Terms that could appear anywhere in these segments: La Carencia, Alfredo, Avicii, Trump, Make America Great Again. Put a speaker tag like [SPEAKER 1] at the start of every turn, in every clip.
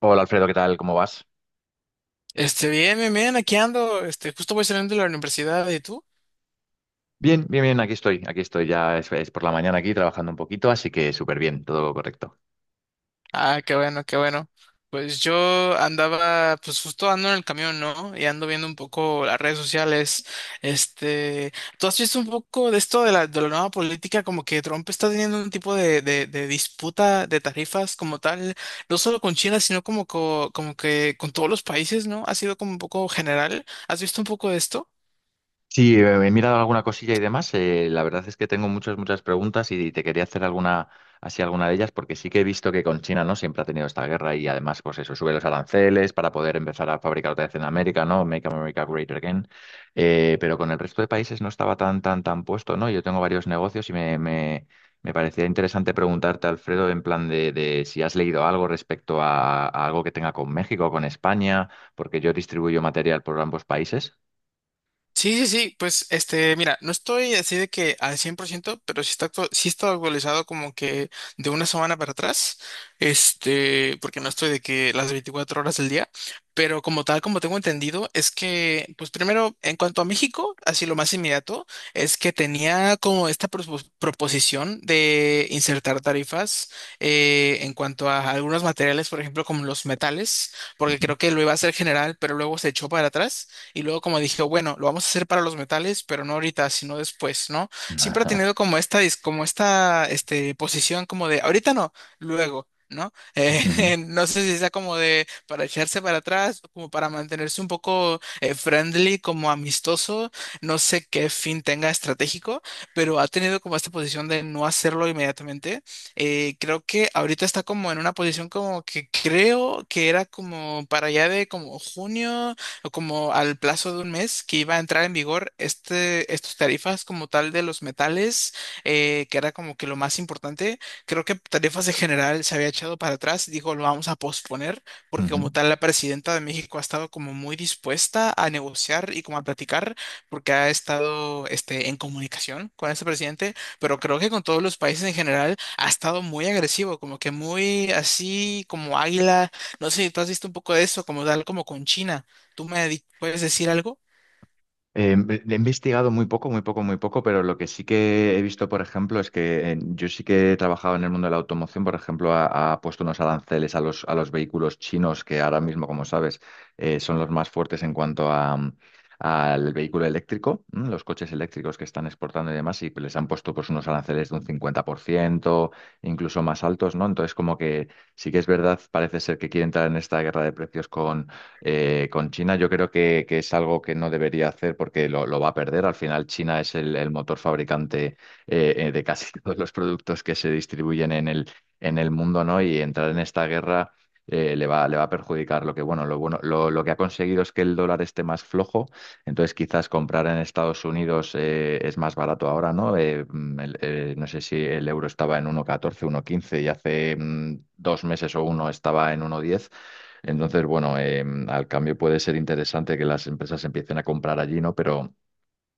[SPEAKER 1] Hola Alfredo, ¿qué tal? ¿Cómo vas?
[SPEAKER 2] Bien, bien, bien, aquí ando. Justo voy saliendo de la universidad, ¿y tú?
[SPEAKER 1] Bien, bien, bien, aquí estoy, ya es por la mañana aquí trabajando un poquito, así que súper bien, todo correcto.
[SPEAKER 2] Ah, qué bueno, qué bueno. Pues yo andaba, pues justo ando en el camión, ¿no? Y ando viendo un poco las redes sociales. Este, ¿Tú has visto un poco de esto de la nueva política? Como que Trump está teniendo un tipo de disputa de tarifas como tal, no solo con China, sino como, como que con todos los países, ¿no? Ha sido como un poco general. ¿Has visto un poco de esto?
[SPEAKER 1] Sí, he mirado alguna cosilla y demás. La verdad es que tengo muchas, muchas preguntas y te quería hacer alguna, así alguna de ellas, porque sí que he visto que con China, ¿no? Siempre ha tenido esta guerra y además, pues eso, sube los aranceles para poder empezar a fabricar otra vez en América, ¿no? Make America Great Again. Pero con el resto de países no estaba tan, tan, tan puesto, ¿no? Yo tengo varios negocios y me parecía interesante preguntarte, Alfredo, en plan de si has leído algo respecto a algo que tenga con México o con España, porque yo distribuyo material por ambos países.
[SPEAKER 2] Sí, sí, sí, pues mira, no estoy así de que al 100%, pero sí está, sí está actualizado como que de una semana para atrás, porque no estoy de que las 24 horas del día, pero como tal, como tengo entendido, es que, pues primero, en cuanto a México, así lo más inmediato, es que tenía como esta proposición de insertar tarifas en cuanto a algunos materiales, por ejemplo, como los metales, porque
[SPEAKER 1] Ujú.
[SPEAKER 2] creo que lo iba a hacer general, pero luego se echó para atrás. Y luego como dije, bueno, lo vamos a hacer para los metales, pero no ahorita, sino después, ¿no? Siempre ha tenido como esta, como esta, posición como de, ahorita no, luego. ¿No?
[SPEAKER 1] Ujú,
[SPEAKER 2] No sé si sea como de para echarse para atrás, como para mantenerse un poco friendly, como amistoso, no sé qué fin tenga estratégico, pero ha tenido como esta posición de no hacerlo inmediatamente. Creo que ahorita está como en una posición como que creo que era como para allá de como junio, como al plazo de 1 mes que iba a entrar en vigor estos tarifas como tal de los metales, que era como que lo más importante. Creo que tarifas de general se había echado para atrás y dijo, lo vamos a posponer, porque
[SPEAKER 1] ujú.
[SPEAKER 2] como tal la presidenta de México ha estado como muy dispuesta a negociar y como a platicar, porque ha estado en comunicación con este presidente, pero creo que con todos los países en general ha estado muy agresivo, como que muy así como águila. No sé si tú has visto un poco de eso, como tal como con China. ¿Tú puedes decir algo?
[SPEAKER 1] He investigado muy poco, muy poco, muy poco, pero lo que sí que he visto, por ejemplo, es que yo sí que he trabajado en el mundo de la automoción, por ejemplo, ha puesto unos aranceles a los vehículos chinos que ahora mismo, como sabes, son los más fuertes en cuanto al vehículo eléctrico, ¿m? Los coches eléctricos que están exportando y demás, y les han puesto pues unos aranceles de un 50%, incluso más altos, ¿no? Entonces, como que sí que es verdad, parece ser que quieren entrar en esta guerra de precios. Con China yo creo que es algo que no debería hacer porque lo va a perder. Al final China es el motor fabricante de casi todos los productos que se distribuyen en el mundo, ¿no? Y entrar en esta guerra le va a perjudicar. Bueno, lo bueno, lo que ha conseguido es que el dólar esté más flojo, entonces quizás comprar en Estados Unidos es más barato ahora, ¿no? No sé si el euro estaba en 1,14, quince y hace 2 meses o uno estaba en 1,10. Entonces, bueno, al cambio puede ser interesante que las empresas empiecen a comprar allí, ¿no? Pero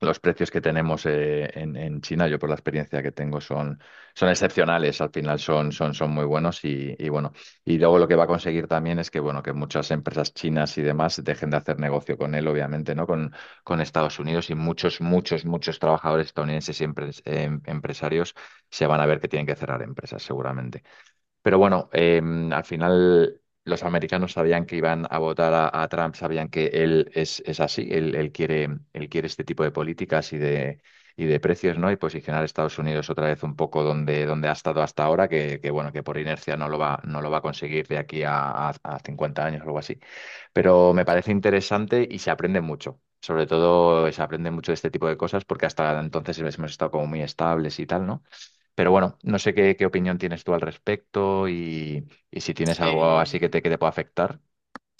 [SPEAKER 1] los precios que tenemos en China, yo por la experiencia que tengo, son excepcionales. Al final son muy buenos y bueno. Y luego lo que va a conseguir también es que, bueno, que muchas empresas chinas y demás dejen de hacer negocio con él, obviamente, ¿no? Con Estados Unidos y muchos, muchos, muchos trabajadores estadounidenses y empresarios se van a ver que tienen que cerrar empresas, seguramente. Pero bueno, al final los americanos sabían que iban a votar a Trump, sabían que él es así, él quiere este tipo de políticas y de precios, ¿no? Y posicionar a Estados Unidos otra vez un poco donde, donde ha estado hasta ahora, que bueno, que por inercia no lo va a conseguir de aquí a 50 años o algo así. Pero me parece interesante y se aprende mucho. Sobre todo se aprende mucho de este tipo de cosas porque hasta entonces hemos estado como muy estables y tal, ¿no? Pero bueno, no sé qué opinión tienes tú al respecto y si tienes algo así
[SPEAKER 2] Sí.
[SPEAKER 1] que te pueda afectar.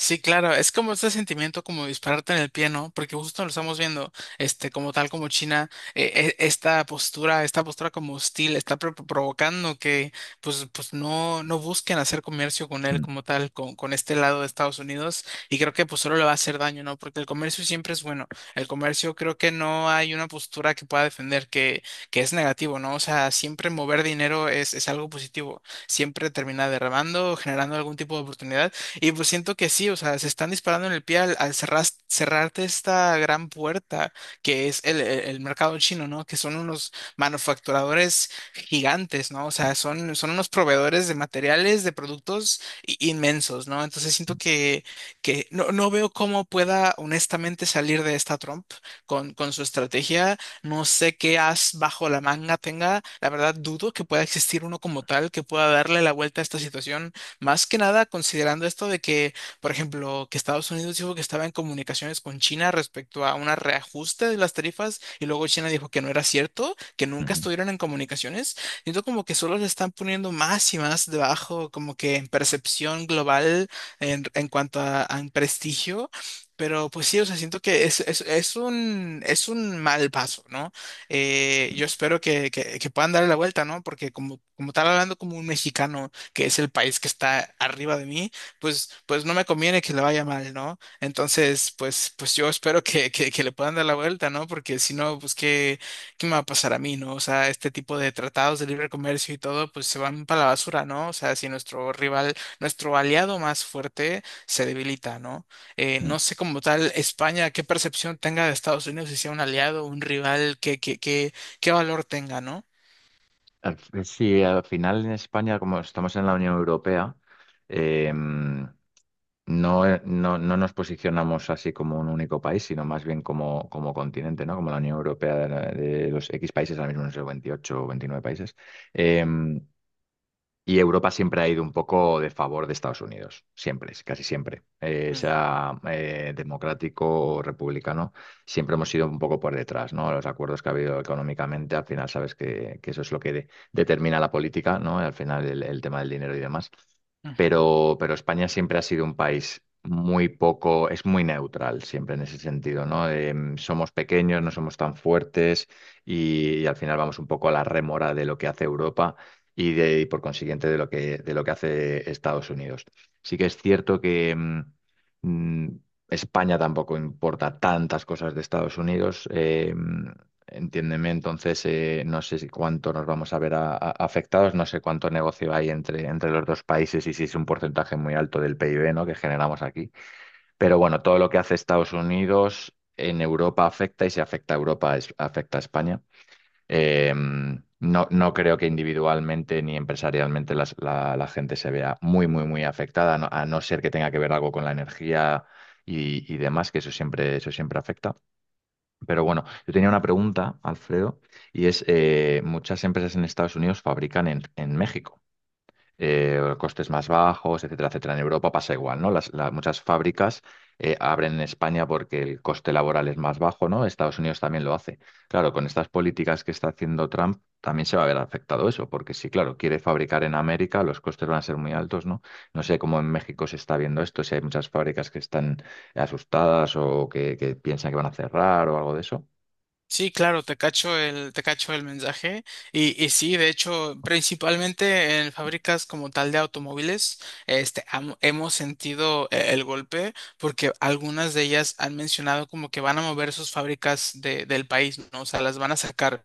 [SPEAKER 2] Sí, claro, es como este sentimiento como dispararte en el pie, ¿no? Porque justo lo estamos viendo, como tal, como China, esta postura como hostil, está provocando que, pues, pues no, no busquen hacer comercio con él
[SPEAKER 1] Mm,
[SPEAKER 2] como tal, con este lado de Estados Unidos, y creo que pues solo le va a hacer daño, ¿no? Porque el comercio siempre es bueno, el comercio creo que no hay una postura que pueda defender que es negativo, ¿no? O sea, siempre mover dinero es algo positivo, siempre termina derramando, generando algún tipo de oportunidad y pues siento que sí, o sea, se están disparando en el pie al, al cerrarte esta gran puerta que es el mercado chino, ¿no? Que son unos manufacturadores gigantes, ¿no? O sea, son, son unos proveedores de materiales, de productos inmensos, ¿no? Entonces siento que no, no veo cómo pueda honestamente salir de esta Trump con su estrategia. No sé qué as bajo la manga tenga. La verdad, dudo que pueda existir uno como tal que pueda darle la vuelta a esta situación más que nada considerando esto de que, por ejemplo, que Estados Unidos dijo que estaba en comunicaciones con China respecto a un reajuste de las tarifas y luego China dijo que no era cierto, que nunca
[SPEAKER 1] ujú,
[SPEAKER 2] estuvieron en comunicaciones. Siento como que solo le están poniendo más y más debajo, como que en percepción global en cuanto a prestigio. Pero pues sí, o sea, siento que es un mal paso, ¿no? Yo espero que puedan darle la vuelta, ¿no? Porque como, como estar hablando como un mexicano que es el país que está arriba de mí, pues, pues no me conviene que le vaya mal, ¿no? Entonces, pues, pues yo espero que le puedan dar la vuelta, ¿no? Porque si no, pues qué, qué me va a pasar a mí, ¿no? O sea, este tipo de tratados de libre comercio y todo, pues se van para la basura, ¿no? O sea, si nuestro rival, nuestro aliado más fuerte se debilita, ¿no?
[SPEAKER 1] mm.
[SPEAKER 2] No sé como tal España, qué percepción tenga de Estados Unidos, si sea un aliado, un rival, qué qué valor tenga, ¿no?
[SPEAKER 1] Sí, al final en España, como estamos en la Unión Europea, eh, no, no nos posicionamos así como un único país, sino más bien como, como continente, ¿no? Como la Unión Europea de los X países, ahora mismo no sé, 28 o 29 países. Em, Y Europa siempre ha ido un poco de favor de Estados Unidos, siempre, casi siempre.
[SPEAKER 2] Mm,
[SPEAKER 1] Sea democrático o republicano, siempre hemos sido un poco por detrás, ¿no? Los acuerdos que ha habido económicamente, al final sabes que eso es lo que determina la política, ¿no? Al final el tema del dinero y demás.
[SPEAKER 2] ujú.
[SPEAKER 1] Pero España siempre ha sido un país muy poco, es muy neutral siempre en ese sentido, ¿no? Somos pequeños, no somos tan fuertes y al final vamos un poco a la rémora de lo que hace Europa y por consiguiente de lo que hace Estados Unidos. Sí que es cierto que mm, España tampoco importa tantas cosas de Estados Unidos. Entiéndeme, entonces no sé si cuánto nos vamos a ver afectados, no sé cuánto negocio hay entre los dos países y si es un porcentaje muy alto del PIB, ¿no? Que generamos aquí. Pero bueno, todo lo que hace Estados Unidos en Europa afecta y si afecta a Europa afecta a España. Eh, no, no creo que individualmente ni empresarialmente la gente se vea muy, muy, muy afectada, a no ser que tenga que ver algo con la energía y demás, que eso siempre afecta. Pero bueno, yo tenía una pregunta, Alfredo, y es, muchas empresas en Estados Unidos fabrican en México costes más bajos, etcétera, etcétera. En Europa pasa igual, ¿no? Muchas fábricas abren en España porque el coste laboral es más bajo, ¿no? Estados Unidos también lo hace. Claro, con estas políticas que está haciendo Trump también se va a ver afectado eso, porque si, claro, quiere fabricar en América, los costes van a ser muy altos, ¿no? No sé cómo en México se está viendo esto, si hay muchas fábricas que están asustadas o que piensan que van a cerrar o algo de eso.
[SPEAKER 2] Sí, claro, te cacho te cacho el mensaje. Y sí, de hecho, principalmente en fábricas como tal de automóviles, hemos sentido el golpe porque algunas de ellas han mencionado como que van a mover sus fábricas del país, ¿no? O sea, las van a sacar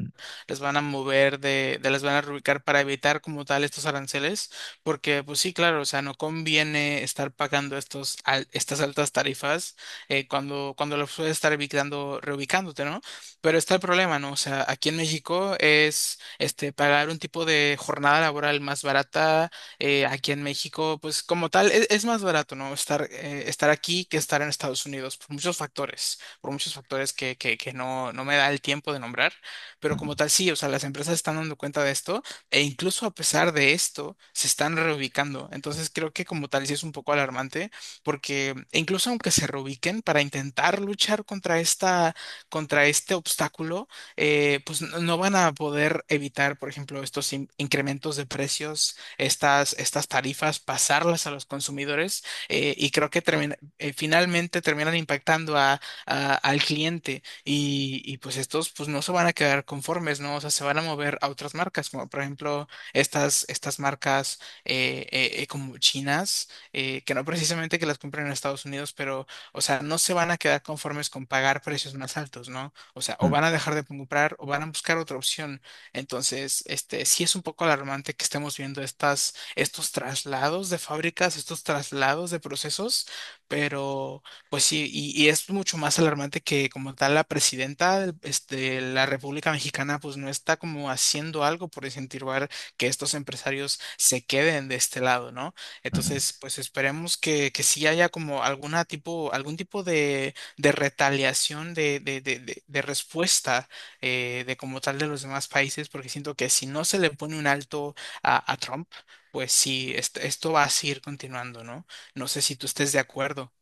[SPEAKER 1] Mm,
[SPEAKER 2] les van a mover de las van a reubicar para evitar como tal estos aranceles, porque pues sí, claro, o sea, no conviene estar pagando estos estas altas tarifas cuando, cuando los puedes estar evitando, reubicándote, ¿no? Pero está el problema, ¿no? O sea, aquí en México es este pagar un tipo de jornada laboral más barata aquí en México, pues como tal, es, más barato, ¿no? Estar, estar aquí que estar en Estados Unidos, por muchos factores que no, no me da el tiempo de nombrar, pero
[SPEAKER 1] ujú,
[SPEAKER 2] como tal, sí, o sea, las empresas están dando cuenta de esto e incluso a pesar de esto, se están reubicando. Entonces creo que como tal, sí es un poco alarmante porque e incluso aunque se reubiquen para intentar luchar contra esta, contra este obstáculo, pues no van a poder evitar, por ejemplo, estos incrementos de precios, estas, estas tarifas, pasarlas a los consumidores y creo que finalmente terminan impactando al cliente y pues estos pues no se van a quedar conformes, ¿no? O sea, se van a mover a otras marcas, como por ejemplo estas, estas marcas como chinas, que no precisamente que las compren en Estados Unidos, pero, o sea, no se van a quedar conformes con pagar precios más altos, ¿no? O sea, o
[SPEAKER 1] mm,
[SPEAKER 2] van a dejar de comprar o van a buscar otra opción. Entonces, sí es un poco alarmante que estemos viendo estas, estos traslados de fábricas, estos traslados de procesos, pero... Pues sí, y es mucho más alarmante que como tal la presidenta de la República Mexicana pues no está como haciendo algo por incentivar que estos empresarios se queden de este lado, ¿no?
[SPEAKER 1] ujú.
[SPEAKER 2] Entonces, pues esperemos que sí haya como alguna tipo, algún tipo de retaliación, de respuesta de como tal de los demás países, porque siento que si no se le pone un alto a Trump, pues sí, esto va a seguir continuando, ¿no? No sé si tú estés de acuerdo.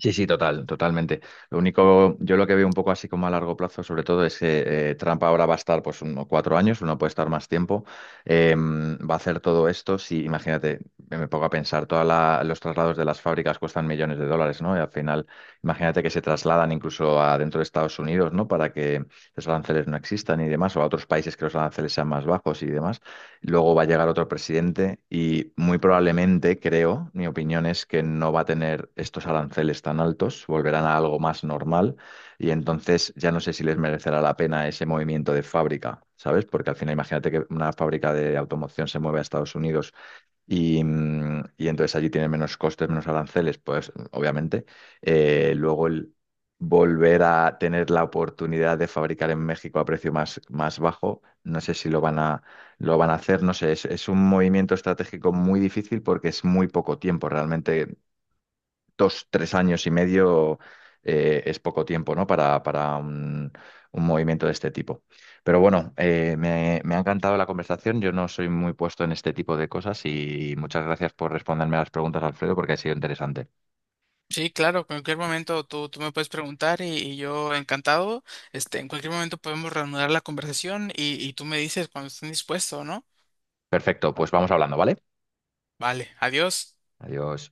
[SPEAKER 1] Sí, sí, total, totalmente. Lo único, yo lo que veo un poco así como a largo plazo, sobre todo, es que Trump ahora va a estar pues unos 4 años, uno puede estar más tiempo, va a hacer todo esto. Si, imagínate, me pongo a pensar, todos los traslados de las fábricas cuestan millones de dólares, ¿no? Y al final, imagínate que se trasladan incluso a dentro de Estados Unidos, ¿no? Para que los aranceles no existan y demás, o a otros países que los aranceles sean más bajos y demás. Luego va a llegar otro presidente y muy probablemente, creo, mi opinión es que no va a tener estos aranceles tan altos, volverán a algo más normal y entonces ya no sé si les merecerá la pena ese movimiento de fábrica, ¿sabes? Porque al final imagínate que una fábrica de automoción se mueve a Estados Unidos y entonces allí tiene menos costes, menos aranceles, pues obviamente. Luego el volver a tener la oportunidad de fabricar en México a precio más bajo, no sé si lo van a hacer, no sé, es un movimiento estratégico muy difícil porque es muy poco tiempo, realmente dos, tres años y medio es poco tiempo, ¿no? Para un movimiento de este tipo. Pero bueno, me ha encantado la conversación. Yo no soy muy puesto en este tipo de cosas y muchas gracias por responderme a las preguntas, Alfredo, porque ha sido interesante.
[SPEAKER 2] Sí, claro, en cualquier momento tú me puedes preguntar y yo encantado. En cualquier momento podemos reanudar la conversación y tú me dices cuando estés dispuesto, ¿no?
[SPEAKER 1] Perfecto, pues vamos hablando, ¿vale?
[SPEAKER 2] Vale, adiós.
[SPEAKER 1] Adiós.